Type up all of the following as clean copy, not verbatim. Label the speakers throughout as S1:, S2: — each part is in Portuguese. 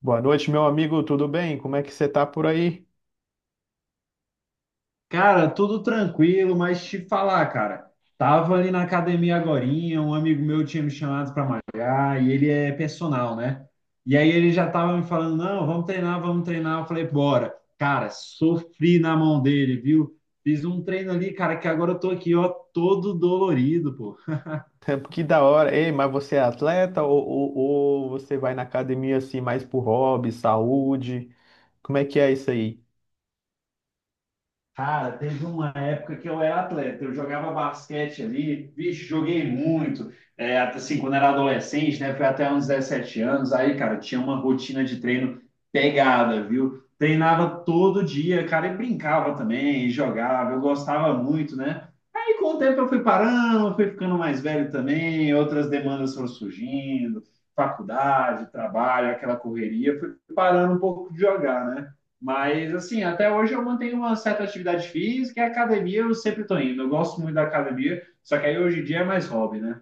S1: Boa noite, meu amigo, tudo bem? Como é que você tá por aí?
S2: Cara, tudo tranquilo, mas te falar, cara, tava ali na academia agorinha, um amigo meu tinha me chamado para malhar e ele é personal, né? E aí ele já tava me falando, não, vamos treinar, vamos treinar. Eu falei, bora. Cara, sofri na mão dele, viu? Fiz um treino ali, cara, que agora eu tô aqui, ó, todo dolorido, pô.
S1: Que da hora. Ei, mas você é atleta ou você vai na academia assim mais por hobby, saúde? Como é que é isso aí?
S2: Cara, teve uma época que eu era atleta, eu jogava basquete ali, vixe, joguei muito, é, até assim, quando era adolescente, né, foi até uns 17 anos, aí, cara, tinha uma rotina de treino pegada, viu? Treinava todo dia, cara, e brincava também, e jogava, eu gostava muito, né? Aí, com o tempo, eu fui parando, eu fui ficando mais velho também, outras demandas foram surgindo, faculdade, trabalho, aquela correria, fui parando um pouco de jogar, né? Mas, assim, até hoje eu mantenho uma certa atividade física e a academia eu sempre estou indo. Eu gosto muito da academia, só que aí hoje em dia é mais hobby, né?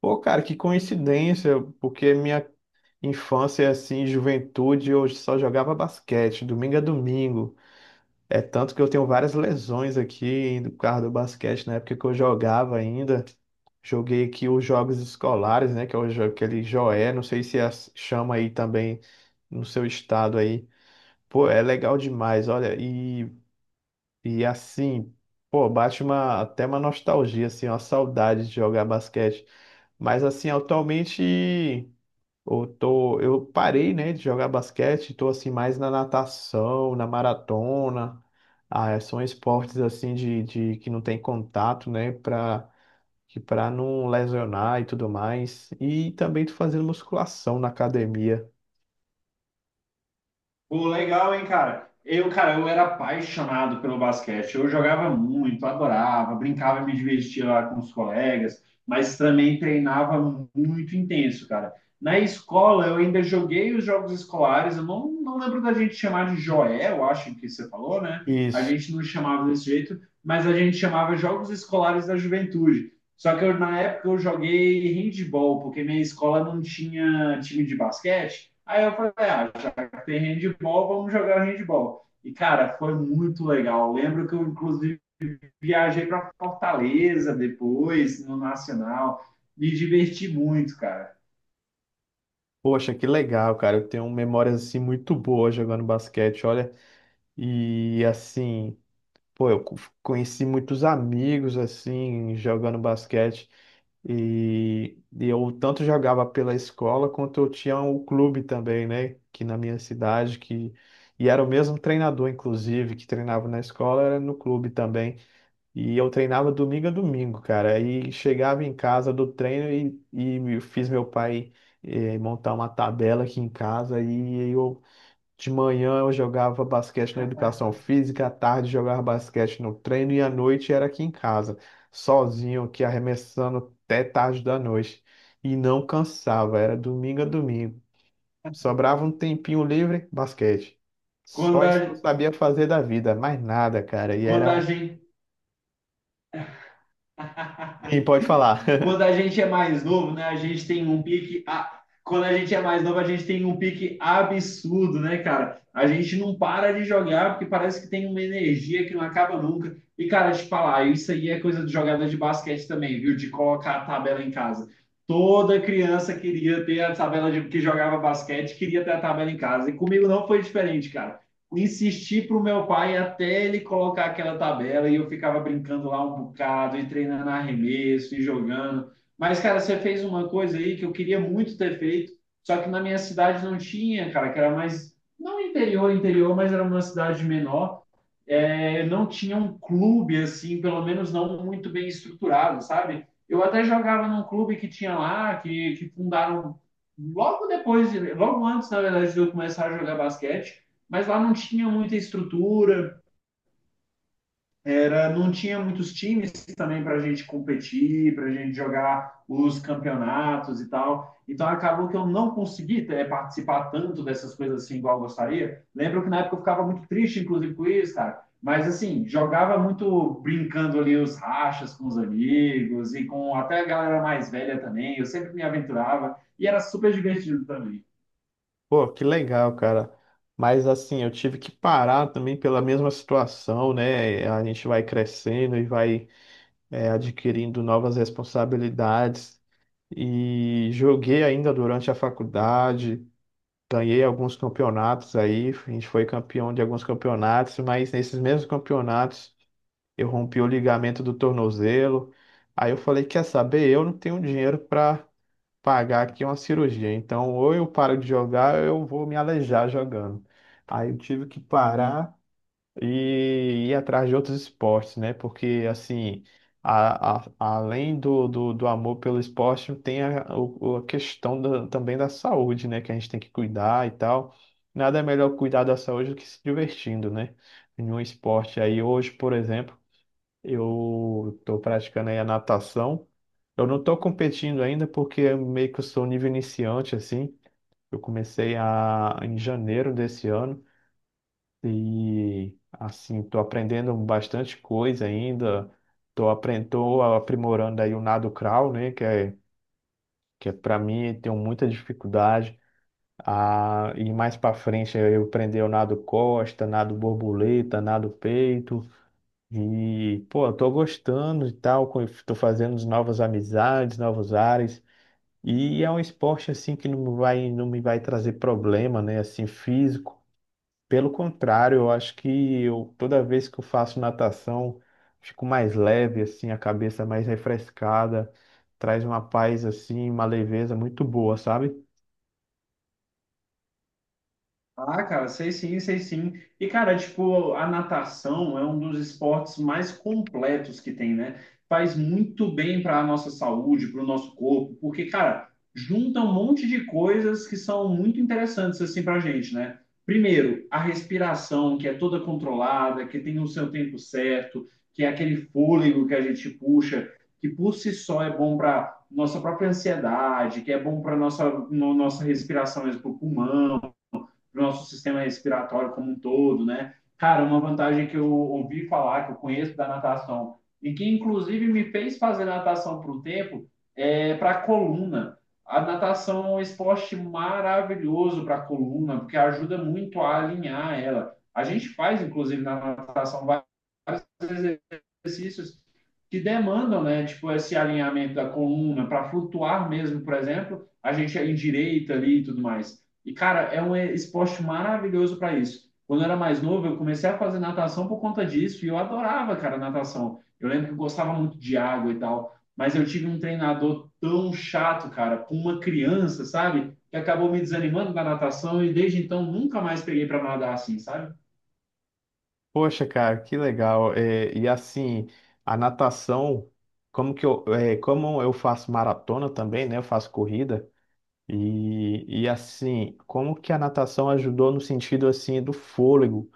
S1: Pô, cara, que coincidência, porque minha infância, assim, juventude, eu só jogava basquete, domingo a domingo. É tanto que eu tenho várias lesões aqui do carro do basquete, na época que eu jogava ainda. Joguei aqui os jogos escolares, né, que é o jo- aquele Joé, não sei se as- chama aí também no seu estado aí. Pô, é legal demais, olha, e assim, pô, bate uma, até uma nostalgia, assim, uma saudade de jogar basquete. Mas assim, atualmente eu parei, né, de jogar basquete, tô assim mais na natação, na maratona. Ah, são esportes assim de que não tem contato, né, para que para não lesionar e tudo mais. E também tô fazendo musculação na academia.
S2: Pô, legal, hein, cara? Eu, cara, eu era apaixonado pelo basquete. Eu jogava muito, adorava, brincava, me divertia lá com os colegas, mas também treinava muito intenso, cara. Na escola, eu ainda joguei os jogos escolares. Eu não lembro da gente chamar de Joel, eu acho que você falou, né? A
S1: Isso.
S2: gente não chamava desse jeito, mas a gente chamava Jogos Escolares da Juventude. Só que eu, na época eu joguei handball, porque minha escola não tinha time de basquete. Aí eu falei, ah, tem handball, vamos jogar handball. E, cara, foi muito legal. Lembro que eu, inclusive, viajei para Fortaleza depois, no Nacional. Me diverti muito, cara.
S1: Poxa, que legal, cara. Eu tenho memórias assim muito boas jogando basquete, olha. E assim, pô, conheci muitos amigos assim jogando basquete e eu tanto jogava pela escola quanto eu tinha o clube também, né, que na minha cidade que e era o mesmo treinador inclusive que treinava na escola, era no clube também. E eu treinava domingo a domingo, cara. Aí chegava em casa do treino e fiz meu pai montar uma tabela aqui em casa. E eu, de manhã eu jogava basquete na educação física, à tarde jogava basquete no treino e à noite era aqui em casa, sozinho, aqui arremessando até tarde da noite. E não cansava, era domingo a domingo. Sobrava um tempinho livre, basquete.
S2: Quando
S1: Só
S2: a,
S1: isso que eu sabia fazer da vida, mais nada, cara. E
S2: quando
S1: era
S2: a
S1: um.
S2: gente.
S1: Sim, pode falar.
S2: quando a gente é mais novo, né? A gente tem um pique. Quando a gente é mais novo, a gente tem um pique absurdo, né, cara? A gente não para de jogar porque parece que tem uma energia que não acaba nunca. E, cara, te falar, isso aí é coisa de jogador de basquete também, viu? De colocar a tabela em casa. Toda criança queria ter a tabela de que jogava basquete, queria ter a tabela em casa. E comigo não foi diferente, cara, insisti pro meu pai até ele colocar aquela tabela e eu ficava brincando lá um bocado e treinando arremesso e jogando. Mas, cara, você fez uma coisa aí que eu queria muito ter feito, só que na minha cidade não tinha, cara, que era mais, não interior, interior, mas era uma cidade menor, é, não tinha um clube assim, pelo menos não muito bem estruturado, sabe? Eu até jogava num clube que tinha lá, que fundaram logo antes, na verdade, de eu começar a jogar basquete, mas lá não tinha muita estrutura, era não tinha muitos times também para a gente competir, para a gente jogar os campeonatos e tal. Então acabou que eu não consegui é, participar tanto dessas coisas assim igual eu gostaria. Lembro que na época eu ficava muito triste, inclusive, com isso, cara. Mas assim, jogava muito brincando ali os rachas com os amigos e com até a galera mais velha também. Eu sempre me aventurava e era super divertido também.
S1: Pô, que legal, cara. Mas assim, eu tive que parar também pela mesma situação, né? A gente vai crescendo e vai adquirindo novas responsabilidades. E joguei ainda durante a faculdade, ganhei alguns campeonatos aí. A gente foi campeão de alguns campeonatos, mas nesses mesmos campeonatos eu rompi o ligamento do tornozelo. Aí eu falei, quer saber? Eu não tenho dinheiro para pagar aqui uma cirurgia. Então, ou eu paro de jogar, ou eu vou me aleijar jogando. Aí eu tive que parar e ir atrás de outros esportes, né? Porque, assim, além do amor pelo esporte, tem a questão também da saúde, né? Que a gente tem que cuidar e tal. Nada é melhor cuidar da saúde do que se divertindo, né? Em um esporte aí, hoje, por exemplo. Eu estou praticando aí a natação. Eu não estou competindo ainda porque eu meio que eu sou nível iniciante, assim. Em janeiro desse ano e, assim, estou aprendendo bastante coisa ainda. Estou aprendendo, tô aprimorando aí o nado crawl, né? Que é para mim, tenho muita dificuldade. Ah, e mais para frente eu aprendi o nado costa, nado borboleta, nado peito. E, pô, eu tô gostando e tal, tô fazendo novas amizades, novos ares. E é um esporte, assim, que não me vai trazer problema, né, assim, físico. Pelo contrário, eu acho que eu, toda vez que eu faço natação, fico mais leve, assim, a cabeça é mais refrescada, traz uma paz, assim, uma leveza muito boa, sabe?
S2: Ah, cara, sei sim, sei sim. E, cara, tipo, a natação é um dos esportes mais completos que tem, né? Faz muito bem para a nossa saúde, para o nosso corpo, porque, cara, junta um monte de coisas que são muito interessantes, assim, para a gente, né? Primeiro, a respiração, que é toda controlada, que tem o seu tempo certo, que é aquele fôlego que a gente puxa, que por si só é bom para nossa própria ansiedade, que é bom para nossa, nossa respiração mesmo, para o pulmão, para o nosso sistema respiratório como um todo, né? Cara, uma vantagem que eu ouvi falar, que eu conheço da natação, e que inclusive me fez fazer natação por um tempo, é para a coluna. A natação é um esporte maravilhoso para a coluna, porque ajuda muito a alinhar ela. A gente faz, inclusive, na natação vários exercícios que demandam, né, tipo, esse alinhamento da coluna para flutuar mesmo, por exemplo, a gente é endireita ali e tudo mais. E, cara, é um esporte maravilhoso para isso. Quando eu era mais novo, eu comecei a fazer natação por conta disso e eu adorava, cara, natação. Eu lembro que eu gostava muito de água e tal, mas eu tive um treinador tão chato, cara, com uma criança, sabe? Que acabou me desanimando da natação e desde então nunca mais peguei para nadar assim, sabe?
S1: Poxa, cara, que legal. É, e, assim, a natação, é, como eu faço maratona também, né, eu faço corrida. E assim, como que a natação ajudou no sentido assim do fôlego?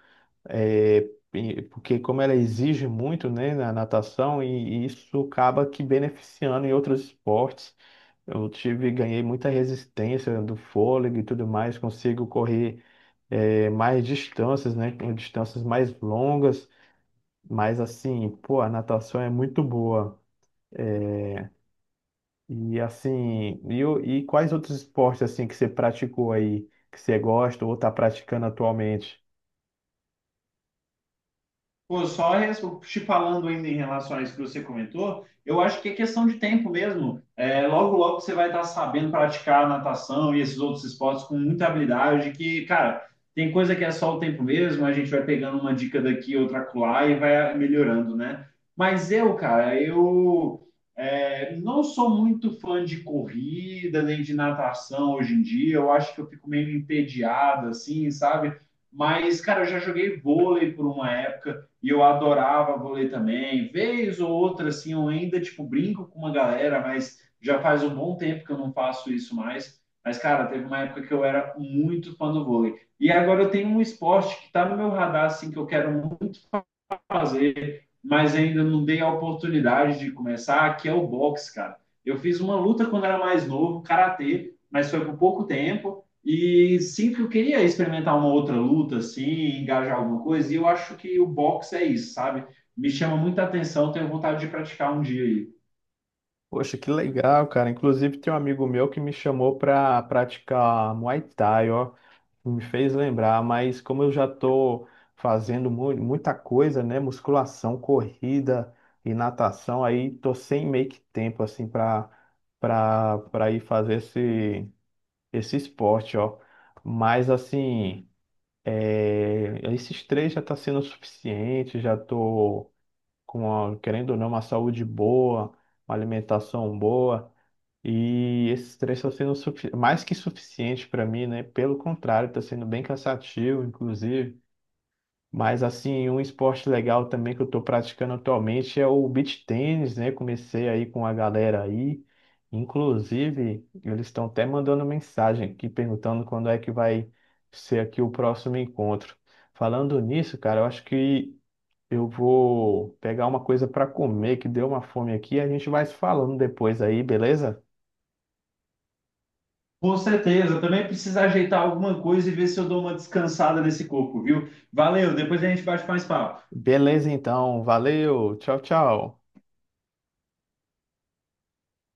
S1: É, Porque como ela exige muito, né, na natação, e isso acaba que beneficiando em outros esportes. Eu tive, ganhei muita resistência do fôlego e tudo mais, consigo correr mais distâncias, né, com distâncias mais longas. Mas assim, pô, a natação é muito boa. E assim, e quais outros esportes assim que você praticou aí, que você gosta ou está praticando atualmente?
S2: Pô, te falando ainda em relação a isso que você comentou, eu acho que é questão de tempo mesmo. É, logo, logo você vai estar sabendo praticar natação e esses outros esportes com muita habilidade, que, cara, tem coisa que é só o tempo mesmo, a gente vai pegando uma dica daqui, outra acolá e vai melhorando, né? Mas eu, cara, não sou muito fã de corrida nem de natação hoje em dia, eu acho que eu fico meio entediado, assim, sabe? Mas, cara, eu já joguei vôlei por uma época e eu adorava vôlei também. Vez ou outra, assim, eu ainda, tipo, brinco com uma galera, mas já faz um bom tempo que eu não faço isso mais. Mas, cara, teve uma época que eu era muito fã do vôlei. E agora eu tenho um esporte que tá no meu radar, assim, que eu quero fazer, mas ainda não dei a oportunidade de começar, que é o boxe, cara. Eu fiz uma luta quando era mais novo, karatê, mas foi por pouco tempo. E sempre eu queria experimentar uma outra luta, assim, engajar alguma coisa, e eu acho que o boxe é isso, sabe? Me chama muita atenção, tenho vontade de praticar um dia aí.
S1: Poxa, que legal, cara. Inclusive tem um amigo meu que me chamou para praticar Muay Thai, ó, que me fez lembrar, mas como eu já tô fazendo muita coisa, né, musculação, corrida e natação, aí tô sem meio que tempo assim para ir fazer esse esporte, ó. Mas assim, é, esses três já está sendo suficiente, já estou com, querendo ou não, uma saúde boa, uma alimentação boa, e esses três estão sendo mais que suficiente para mim, né? Pelo contrário, está sendo bem cansativo, inclusive. Mas assim, um esporte legal também que eu estou praticando atualmente é o beach tennis, né? Comecei aí com a galera aí. Inclusive, eles estão até mandando mensagem aqui perguntando quando é que vai ser aqui o próximo encontro. Falando nisso, cara, eu acho que eu vou pegar uma coisa para comer, que deu uma fome aqui, e a gente vai se falando depois aí, beleza?
S2: Com certeza, também precisa ajeitar alguma coisa e ver se eu dou uma descansada nesse corpo, viu? Valeu, depois a gente bate mais papo.
S1: Beleza, então. Valeu. Tchau, tchau.